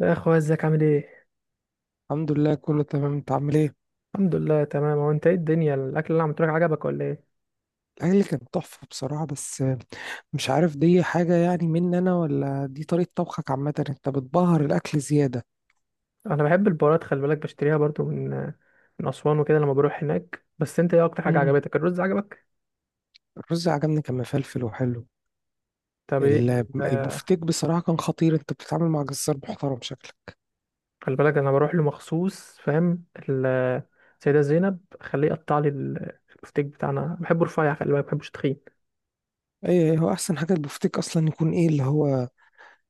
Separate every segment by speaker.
Speaker 1: يا اخويا، ازيك؟ عامل ايه؟
Speaker 2: الحمد لله، كله تمام. انت عامل ايه؟
Speaker 1: الحمد لله، تمام. هو انت ايه الدنيا؟ الاكل اللي انا عملته لك عجبك ولا ايه؟
Speaker 2: الاكل كان تحفه بصراحه، بس مش عارف، دي حاجه يعني مني انا ولا دي طريقه طبخك عامه؟ انت بتبهر الاكل زياده.
Speaker 1: انا بحب البهارات، خلي بالك بشتريها برضو من اسوان وكده لما بروح هناك. بس انت ايه اكتر حاجه
Speaker 2: امم
Speaker 1: عجبتك؟ الرز عجبك؟
Speaker 2: الرز عجبني، كان مفلفل وحلو.
Speaker 1: طب ايه
Speaker 2: البفتيك بصراحه كان خطير، انت بتتعامل مع جزار محترم شكلك.
Speaker 1: خلي بالك انا بروح له مخصوص، فاهم السيده زينب، خليه يقطع لي البفتيك بتاعنا، بحبه رفيع، خلي بالك ما بحبوش تخين.
Speaker 2: ايه، هو احسن حاجه البفتيك اصلا يكون ايه اللي هو،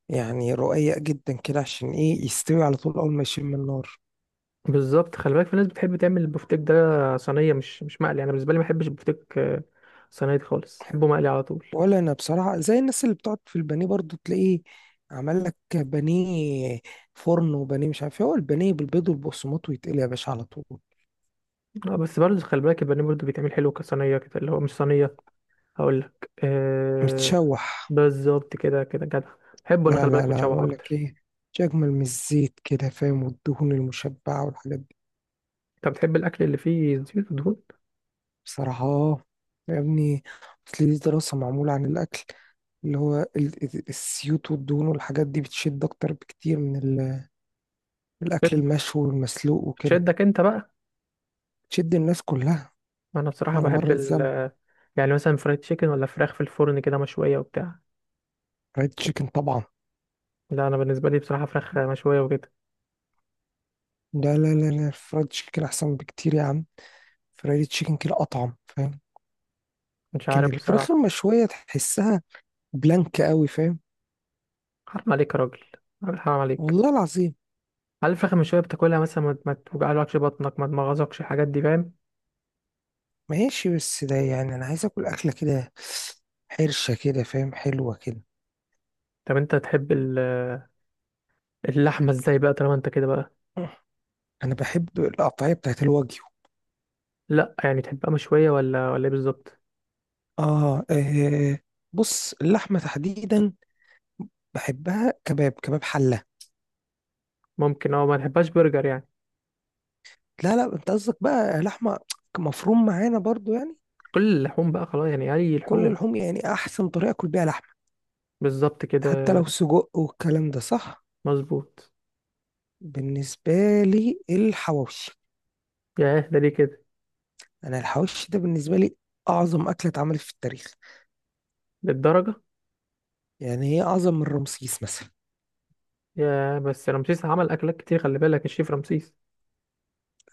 Speaker 2: يعني رقيق جدا كده، عشان ايه يستوي على طول اول ما يشم النار.
Speaker 1: بالظبط، خلي بالك في ناس بتحب تعمل البفتيك ده صينيه مش مقلي. انا بالنسبه لي ما بحبش البفتيك صينيه خالص، بحبه مقلي على طول.
Speaker 2: ولا انا بصراحه، زي الناس اللي بتقعد في البانيه برضو، تلاقيه عمل لك بانيه فرن، وبانيه مش عارف إيه. هو البانيه بالبيض والبقسماط ويتقلي يا باشا على طول.
Speaker 1: اه، بس برضه خلي بالك البانيه برضه بيتعمل حلو كصينية كده، اللي هو مش صينية. هقول لك
Speaker 2: متشوح.
Speaker 1: بالظبط كده، كده جدع، بحبه انا،
Speaker 2: لا
Speaker 1: خلي
Speaker 2: لا
Speaker 1: بالك
Speaker 2: لا،
Speaker 1: متشوح
Speaker 2: بقول لك
Speaker 1: اكتر.
Speaker 2: ايه، مش اجمل من الزيت كده فاهم، والدهون المشبعه والحاجات دي.
Speaker 1: انت بتحب الاكل اللي فيه زيوت ودهون؟
Speaker 2: بصراحه يا ابني، اصل دي دراسه معموله عن الاكل، اللي هو الزيوت والدهون والحاجات دي بتشد اكتر بكتير من من الاكل
Speaker 1: بت-
Speaker 2: المشوي والمسلوق وكده.
Speaker 1: بتشدك انت بقى؟
Speaker 2: بتشد الناس كلها
Speaker 1: انا بصراحة
Speaker 2: على مر
Speaker 1: بحب ال
Speaker 2: الزمن.
Speaker 1: آه، يعني مثلا فرايد تشيكن ولا فراخ في الفرن كده مشوية وبتاع؟
Speaker 2: ريد تشيكن طبعا.
Speaker 1: لا انا بالنسبة لي بصراحة فراخ مشوية وكده.
Speaker 2: لا لا لا لا، الفرايد تشيكن احسن بكتير يا عم. فرايد تشيكن كده اطعم فاهم.
Speaker 1: مش
Speaker 2: كان
Speaker 1: عارف
Speaker 2: الفراخ
Speaker 1: بصراحة.
Speaker 2: المشويه تحسها بلانك قوي فاهم.
Speaker 1: حرام عليك يا راجل حرام عليك.
Speaker 2: والله العظيم.
Speaker 1: هل الفراخ المشوية بتاكلها مثلا ما توجعلكش بطنك، ما تمغزكش؟ الحاجات دي، فاهم؟
Speaker 2: ماشي، بس ده يعني انا عايز اكل اكله كده حرشه كده فاهم، حلوه كده.
Speaker 1: طب انت تحب اللحمة ازاي بقى، طالما انت كده بقى؟
Speaker 2: انا بحب القطعيه بتاعت الواجيو.
Speaker 1: لا يعني تحبها مشوية ولا ايه بالظبط؟
Speaker 2: آه، اه. بص اللحمه تحديدا بحبها كباب حله.
Speaker 1: ممكن، ما تحبهاش برجر يعني؟
Speaker 2: لا لا، انت قصدك بقى لحمه مفروم معانا برضو يعني.
Speaker 1: كل اللحوم بقى خلاص؟ يعني اي
Speaker 2: كل
Speaker 1: لحوم؟
Speaker 2: اللحوم يعني احسن طريقه اكل بيها لحمه،
Speaker 1: بالظبط
Speaker 2: حتى
Speaker 1: كده،
Speaker 2: لو سجق والكلام ده صح.
Speaker 1: مظبوط.
Speaker 2: بالنسبة لي الحواوشي.
Speaker 1: ياه، ده ليه كده؟
Speaker 2: أنا الحواوشي ده بالنسبة لي أعظم أكلة اتعملت في التاريخ.
Speaker 1: للدرجة؟
Speaker 2: يعني هي أعظم من رمسيس مثلا.
Speaker 1: ياه، بس رمسيس عمل اكلات كتير، خلي بالك، الشيف رمسيس.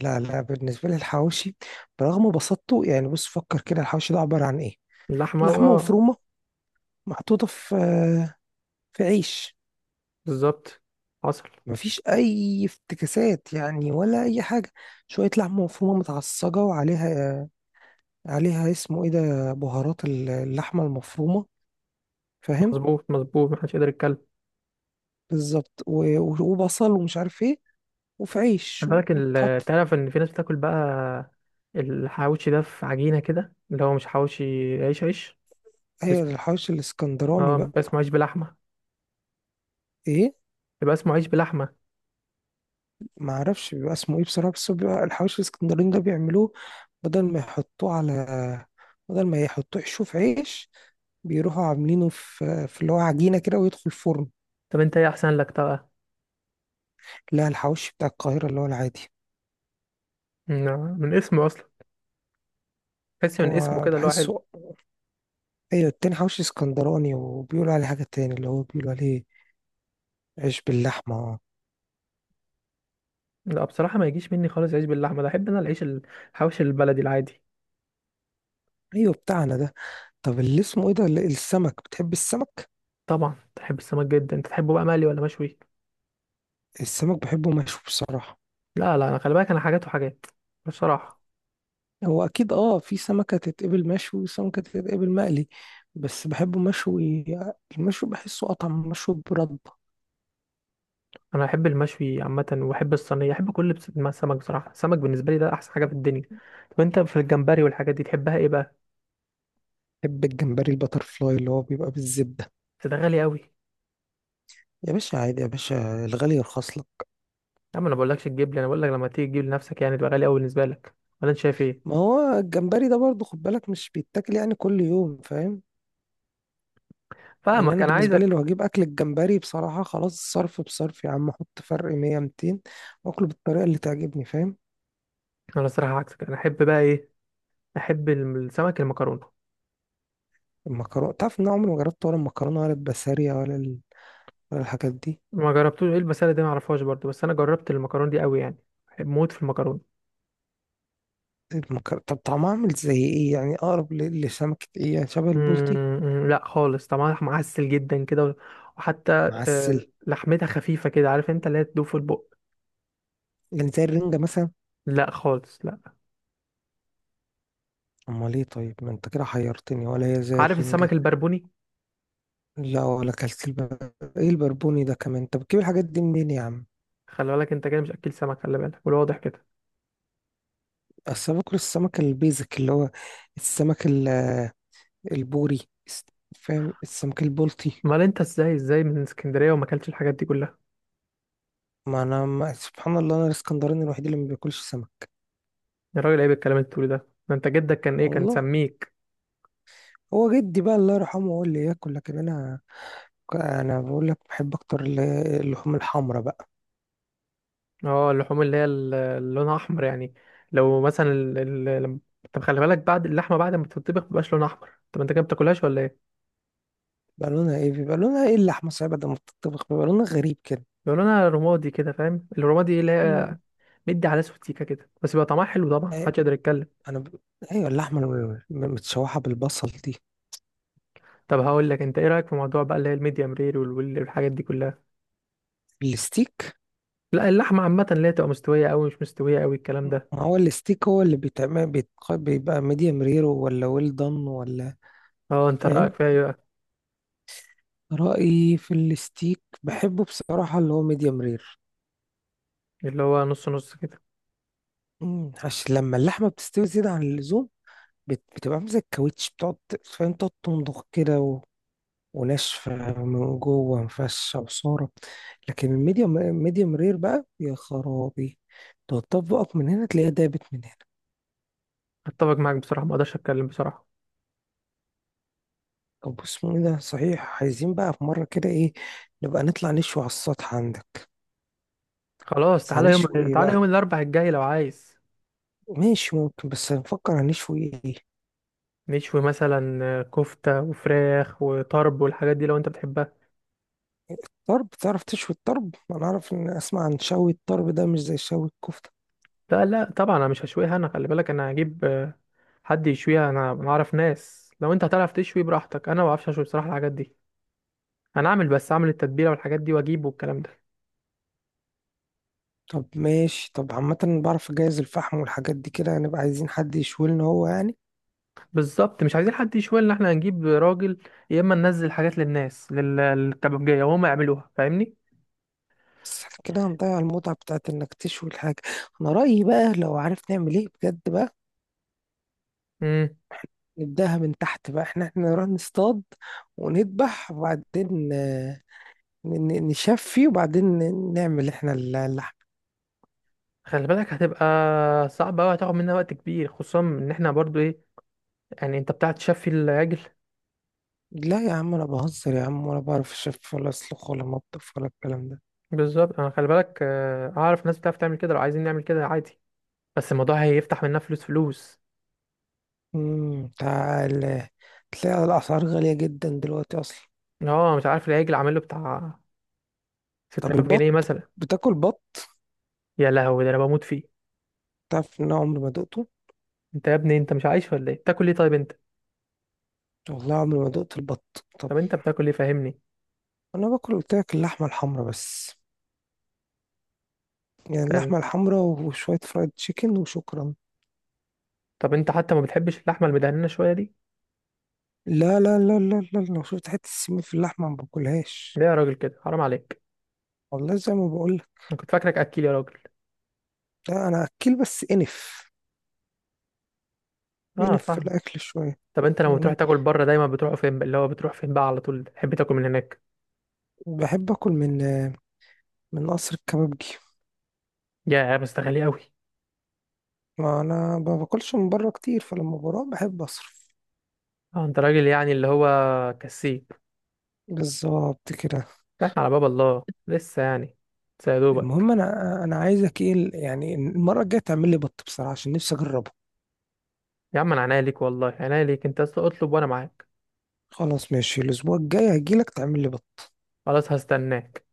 Speaker 2: لا لا، بالنسبة لي الحواوشي برغم بساطته، يعني بص فكر كده، الحواوشي ده عبارة عن إيه؟
Speaker 1: اللحمة،
Speaker 2: لحمة
Speaker 1: اه.
Speaker 2: مفرومة محطوطة في عيش.
Speaker 1: بالظبط، حصل.
Speaker 2: مفيش أي افتكاسات يعني ولا أي حاجة. شوية لحمة مفرومة متعصجة وعليها اسمه إيه ده، بهارات اللحمة المفرومة فاهم.
Speaker 1: مظبوط، مظبوط، محدش يقدر يتكلم.
Speaker 2: بالظبط وبصل ومش عارف ايه، وفي عيش
Speaker 1: خلي بالك
Speaker 2: وتحط.
Speaker 1: تعرف ان في ناس بتاكل بقى الحواوشي ده في عجينة كده، اللي هو مش حواوشي. عيش، عيش. ده
Speaker 2: هي
Speaker 1: اسمه،
Speaker 2: الحواوشي الاسكندراني
Speaker 1: اه،
Speaker 2: بقى.
Speaker 1: بيبقى اسمه عيش بلحمة.
Speaker 2: ايه،
Speaker 1: بيبقى اسمه عيش بلحمة.
Speaker 2: ما اعرفش بيبقى اسمه ايه بصراحه، بس هو بيبقى الحواوشي الاسكندراني ده، بيعملوه بدل ما يحطوه على بدل ما يحطوه يحشوه في عيش، بيروحوا عاملينه في اللي هو عجينه كده، ويدخل فرن.
Speaker 1: طب انت ايه احسن لك طبعا؟
Speaker 2: لا، الحواوشي بتاع القاهره اللي هو العادي.
Speaker 1: نعم، من اسمه اصلا. تحسي من اسمه
Speaker 2: هو
Speaker 1: كده اللي هو حلو.
Speaker 2: بحسه. ايوه، التاني حواوشي اسكندراني، وبيقولوا عليه حاجه تاني، اللي هو بيقولوا عليه عيش باللحمه.
Speaker 1: لا بصراحه ما يجيش مني خالص عيش باللحمه ده، احب انا العيش الحوش البلدي العادي.
Speaker 2: ايوه بتاعنا ده. طب اللي اسمه ايه ده السمك، بتحب السمك؟
Speaker 1: طبعا تحب السمك جدا. انت تحبه بقى مقلي ولا مشوي؟
Speaker 2: السمك بحبه مشوي بصراحة.
Speaker 1: لا لا، انا خلي بالك انا حاجات وحاجات، بصراحه.
Speaker 2: هو أكيد في سمكة تتقبل مشوي وسمكة تتقبل مقلي، بس بحبه مشوي. المشوي بحسه أطعم مشوي برده.
Speaker 1: انا احب المشوي عامه، واحب الصينيه، احب كل ما السمك بصراحه، السمك بالنسبه لي ده احسن حاجه في الدنيا. طب انت في الجمبري والحاجات دي تحبها ايه بقى؟
Speaker 2: بحب الجمبري البتر فلاي اللي هو بيبقى بالزبدة.
Speaker 1: بس ده غالي قوي، يا
Speaker 2: يا باشا عادي يا باشا، الغالي يرخص لك.
Speaker 1: عم. انا بقولكش تجيب لي، انا بقول لك لما تيجي تجيب لنفسك، يعني تبقى غالي قوي بالنسبه لك، ولا انت شايف ايه؟
Speaker 2: ما هو الجمبري ده برضه خد بالك، مش بيتاكل يعني كل يوم فاهم. يعني
Speaker 1: فاهمك،
Speaker 2: أنا
Speaker 1: انا
Speaker 2: بالنسبة لي لو
Speaker 1: عايزك.
Speaker 2: هجيب أكل الجمبري بصراحة، خلاص صرف بصرف يا عم، أحط فرق 100 200 وأكله بالطريقة اللي تعجبني فاهم.
Speaker 1: انا الصراحه عكسك، انا احب بقى ايه؟ احب السمك المكرونه.
Speaker 2: المكرونة، تعرف إن أنا عمري ما جربت ولا المكرونة ولا البسارية ولا الحاجات دي.
Speaker 1: ما جربتوش؟ ايه المساله دي؟ ما اعرفهاش برضو، بس انا جربت المكرونه دي قوي يعني، بحب موت في المكرونه.
Speaker 2: طب طعمها عامل زي ايه يعني، اقرب لسمكة ايه يعني، شبه البلطي؟
Speaker 1: لا خالص طبعا، معسل جدا كده، وحتى
Speaker 2: معسل،
Speaker 1: لحمتها خفيفه كده، عارف انت اللي هي تدوب في البق.
Speaker 2: يعني زي الرنجة مثلا؟
Speaker 1: لا خالص، لا.
Speaker 2: امال ايه طيب، ما انت كده حيرتني، ولا هي زي
Speaker 1: عارف السمك
Speaker 2: الرنجة؟
Speaker 1: البربوني؟
Speaker 2: لا، ولا اكلت ايه البربوني ده كمان. طب بتجيب الحاجات دي منين يا عم؟
Speaker 1: خلي بالك انت كده مش اكل سمك، خلي بالك، والواضح كده.
Speaker 2: اصل أنا باكل السمك البيزك، اللي هو السمك البوري، الس- فاهم، السمك البلطي.
Speaker 1: امال انت ازاي من اسكندريه وما اكلتش الحاجات دي كلها؟
Speaker 2: ما انا ما... سبحان الله، انا الاسكندراني الوحيد اللي ما بياكلش سمك.
Speaker 1: يا راجل، عيب الكلام اللي بتقوله ده. ده انت جدك كان ايه، كان
Speaker 2: والله،
Speaker 1: سميك.
Speaker 2: هو جدي بقى الله يرحمه هو اللي ياكل، لكن انا بقول لك بحب اكتر اللحوم الحمراء بقى.
Speaker 1: اه، اللحوم اللي هي اللي لونها احمر يعني. لو مثلا ال... ال... لم- طب خلي بالك بعد اللحمه، بعد ما بتطبخ مبقاش لونها احمر. طب انت كده بتاكلهاش ولا ايه؟
Speaker 2: بقى لونها ايه بيبقى لونها ايه؟ اللحمه صحيح بعد ما بتطبخ بيبقى لونها غريب كده.
Speaker 1: بيبقى لونها رمادي كده، فاهم، الرمادي اللي
Speaker 2: مم.
Speaker 1: هي مدي على اسود سيكه كده، بس بيبقى طعمها حلو طبعا،
Speaker 2: إيه،
Speaker 1: محدش يقدر يتكلم.
Speaker 2: انا ب... ايوه، اللحمه متشوحه بالبصل دي.
Speaker 1: طب هقول لك انت ايه رايك في موضوع بقى، اللي هي الميديم رير والحاجات دي كلها؟
Speaker 2: الستيك،
Speaker 1: لا اللحمه عامه، اللي هي تبقى مستويه قوي، مش مستويه قوي، الكلام
Speaker 2: ما
Speaker 1: ده.
Speaker 2: هو الستيك هو اللي بيتعمل بيبقى ميديم رير ولا ويل دان ولا،
Speaker 1: اه انت
Speaker 2: فاهم؟
Speaker 1: رايك فيها ايه بقى؟
Speaker 2: رأيي في الستيك بحبه بصراحه اللي هو ميديم رير،
Speaker 1: اللي هو نص نص كده.
Speaker 2: عشان لما اللحمه بتستوي زياده عن اللزوم، بتبقى عامله زي الكاوتش، بتقعد فاهم، تقعد تمضغ كده، وناشفة من جوه، مفشة وصارة. لكن ميديوم رير بقى يا خرابي، تقعد تطبقك من هنا تلاقيها دابت من هنا.
Speaker 1: اتفق معاك بصراحه، ما اقدرش اتكلم بصراحه.
Speaker 2: طب اسمه ايه ده صحيح، عايزين بقى في مرة كده ايه، نبقى نطلع نشوي على السطح عندك.
Speaker 1: خلاص
Speaker 2: بس
Speaker 1: تعالى يوم،
Speaker 2: هنشوي ايه بقى؟
Speaker 1: الاربع الجاي لو عايز.
Speaker 2: ماشي ممكن، بس هنفكر هنشوي ايه.
Speaker 1: نشوي مثلا كفتة وفراخ وطرب والحاجات دي، لو انت بتحبها.
Speaker 2: طرب، تعرف تشوي الطرب؟ انا اعرف ان اسمع عن شوي الطرب ده مش زي شوي الكفتة.
Speaker 1: لا لا طبعا انا مش هشويها، انا خلي بالك انا هجيب حد يشويها. أنا اعرف ناس، لو انت هتعرف تشوي براحتك. انا ما بعرفش اشوي بصراحة الحاجات دي. انا اعمل بس اعمل التتبيلة والحاجات دي، واجيب والكلام ده.
Speaker 2: طب ماشي، طب عامة بعرف اجهز الفحم والحاجات دي كده، هنبقى عايزين حد يشوي لنا هو يعني.
Speaker 1: بالظبط، مش عايزين حد يشوي لنا، احنا هنجيب راجل، يا اما ننزل حاجات للناس، للكبابجية وهم يعملوها، فاهمني؟
Speaker 2: بس احنا كده هنضيع المتعة بتاعت انك تشوي الحاجة. انا رأيي بقى، لو عارف نعمل ايه بجد بقى،
Speaker 1: امم
Speaker 2: نبدأها من تحت بقى، احنا نروح نصطاد ونذبح، وبعدين نشفي، وبعدين نعمل احنا اللحم.
Speaker 1: خلي بالك هتبقى صعبة أوي، هتاخد مننا وقت كبير، خصوصا ان احنا برضو ايه، يعني انت بتاع تشفي العجل؟
Speaker 2: لا يا عم، انا بهزر يا عم، ولا بعرف اشف ولا اسلخ ولا مطبخ ولا الكلام ده.
Speaker 1: بالظبط، انا خلي بالك اعرف ناس بتعرف تعمل كده، لو عايزين نعمل كده عادي، بس الموضوع هيفتح منها فلوس، فلوس.
Speaker 2: تعال تلاقي الاسعار غالية جدا دلوقتي اصلا.
Speaker 1: اه، مش عارف، العجل عامل له بتاع
Speaker 2: طب
Speaker 1: 6000
Speaker 2: البط،
Speaker 1: جنيه مثلا.
Speaker 2: بتاكل بط؟
Speaker 1: يا لهوي، ده انا بموت فيه.
Speaker 2: تعرف ان انا عمري ما دقته.
Speaker 1: انت يا ابني، انت مش عايش ولا ايه؟ بتاكل ايه طيب انت؟
Speaker 2: والله عمري ما دقت البط. طب
Speaker 1: طب انت بتاكل ايه، فاهمني؟
Speaker 2: انا باكل قلت لك اللحمه الحمراء بس، يعني
Speaker 1: فاهم؟
Speaker 2: اللحمه الحمراء وشويه فرايد تشيكن وشكرا.
Speaker 1: طب انت حتى ما بتحبش اللحمه المدهنه شويه دي؟
Speaker 2: لا لا لا لا لا، لو شفت حته السمين في اللحمه ما باكلهاش.
Speaker 1: ليه يا راجل كده، حرام عليك.
Speaker 2: والله زي ما بقول لك.
Speaker 1: انا كنت فاكرك اكيل يا راجل.
Speaker 2: لا انا اكل، بس انف
Speaker 1: اه
Speaker 2: انف في
Speaker 1: فاهمك.
Speaker 2: الاكل شويه.
Speaker 1: طب انت لما بتروح
Speaker 2: يعني
Speaker 1: تاكل بره دايما بتروح فين بقى؟ اللي هو بتروح فين بقى على طول، تحب تاكل من هناك؟
Speaker 2: بحب اكل من قصر الكبابجي.
Speaker 1: يا، بس ده غالي قوي.
Speaker 2: ما انا ما باكلش من بره كتير، فلما بروح بحب اصرف.
Speaker 1: اه انت راجل يعني، اللي هو كسيب.
Speaker 2: بالظبط كده.
Speaker 1: ده على باب الله لسه يعني، لسه يا دوبك.
Speaker 2: المهم انا عايزك ايه، يعني المره الجايه تعمل لي بط بصراحه، عشان نفسي اجربه.
Speaker 1: يا عم، انا عناية ليك والله، عناية ليك، انت اصلا اطلب وانا معاك.
Speaker 2: خلاص ماشي، الاسبوع الجاي هجيلك تعمل لي بط.
Speaker 1: خلاص هستناك.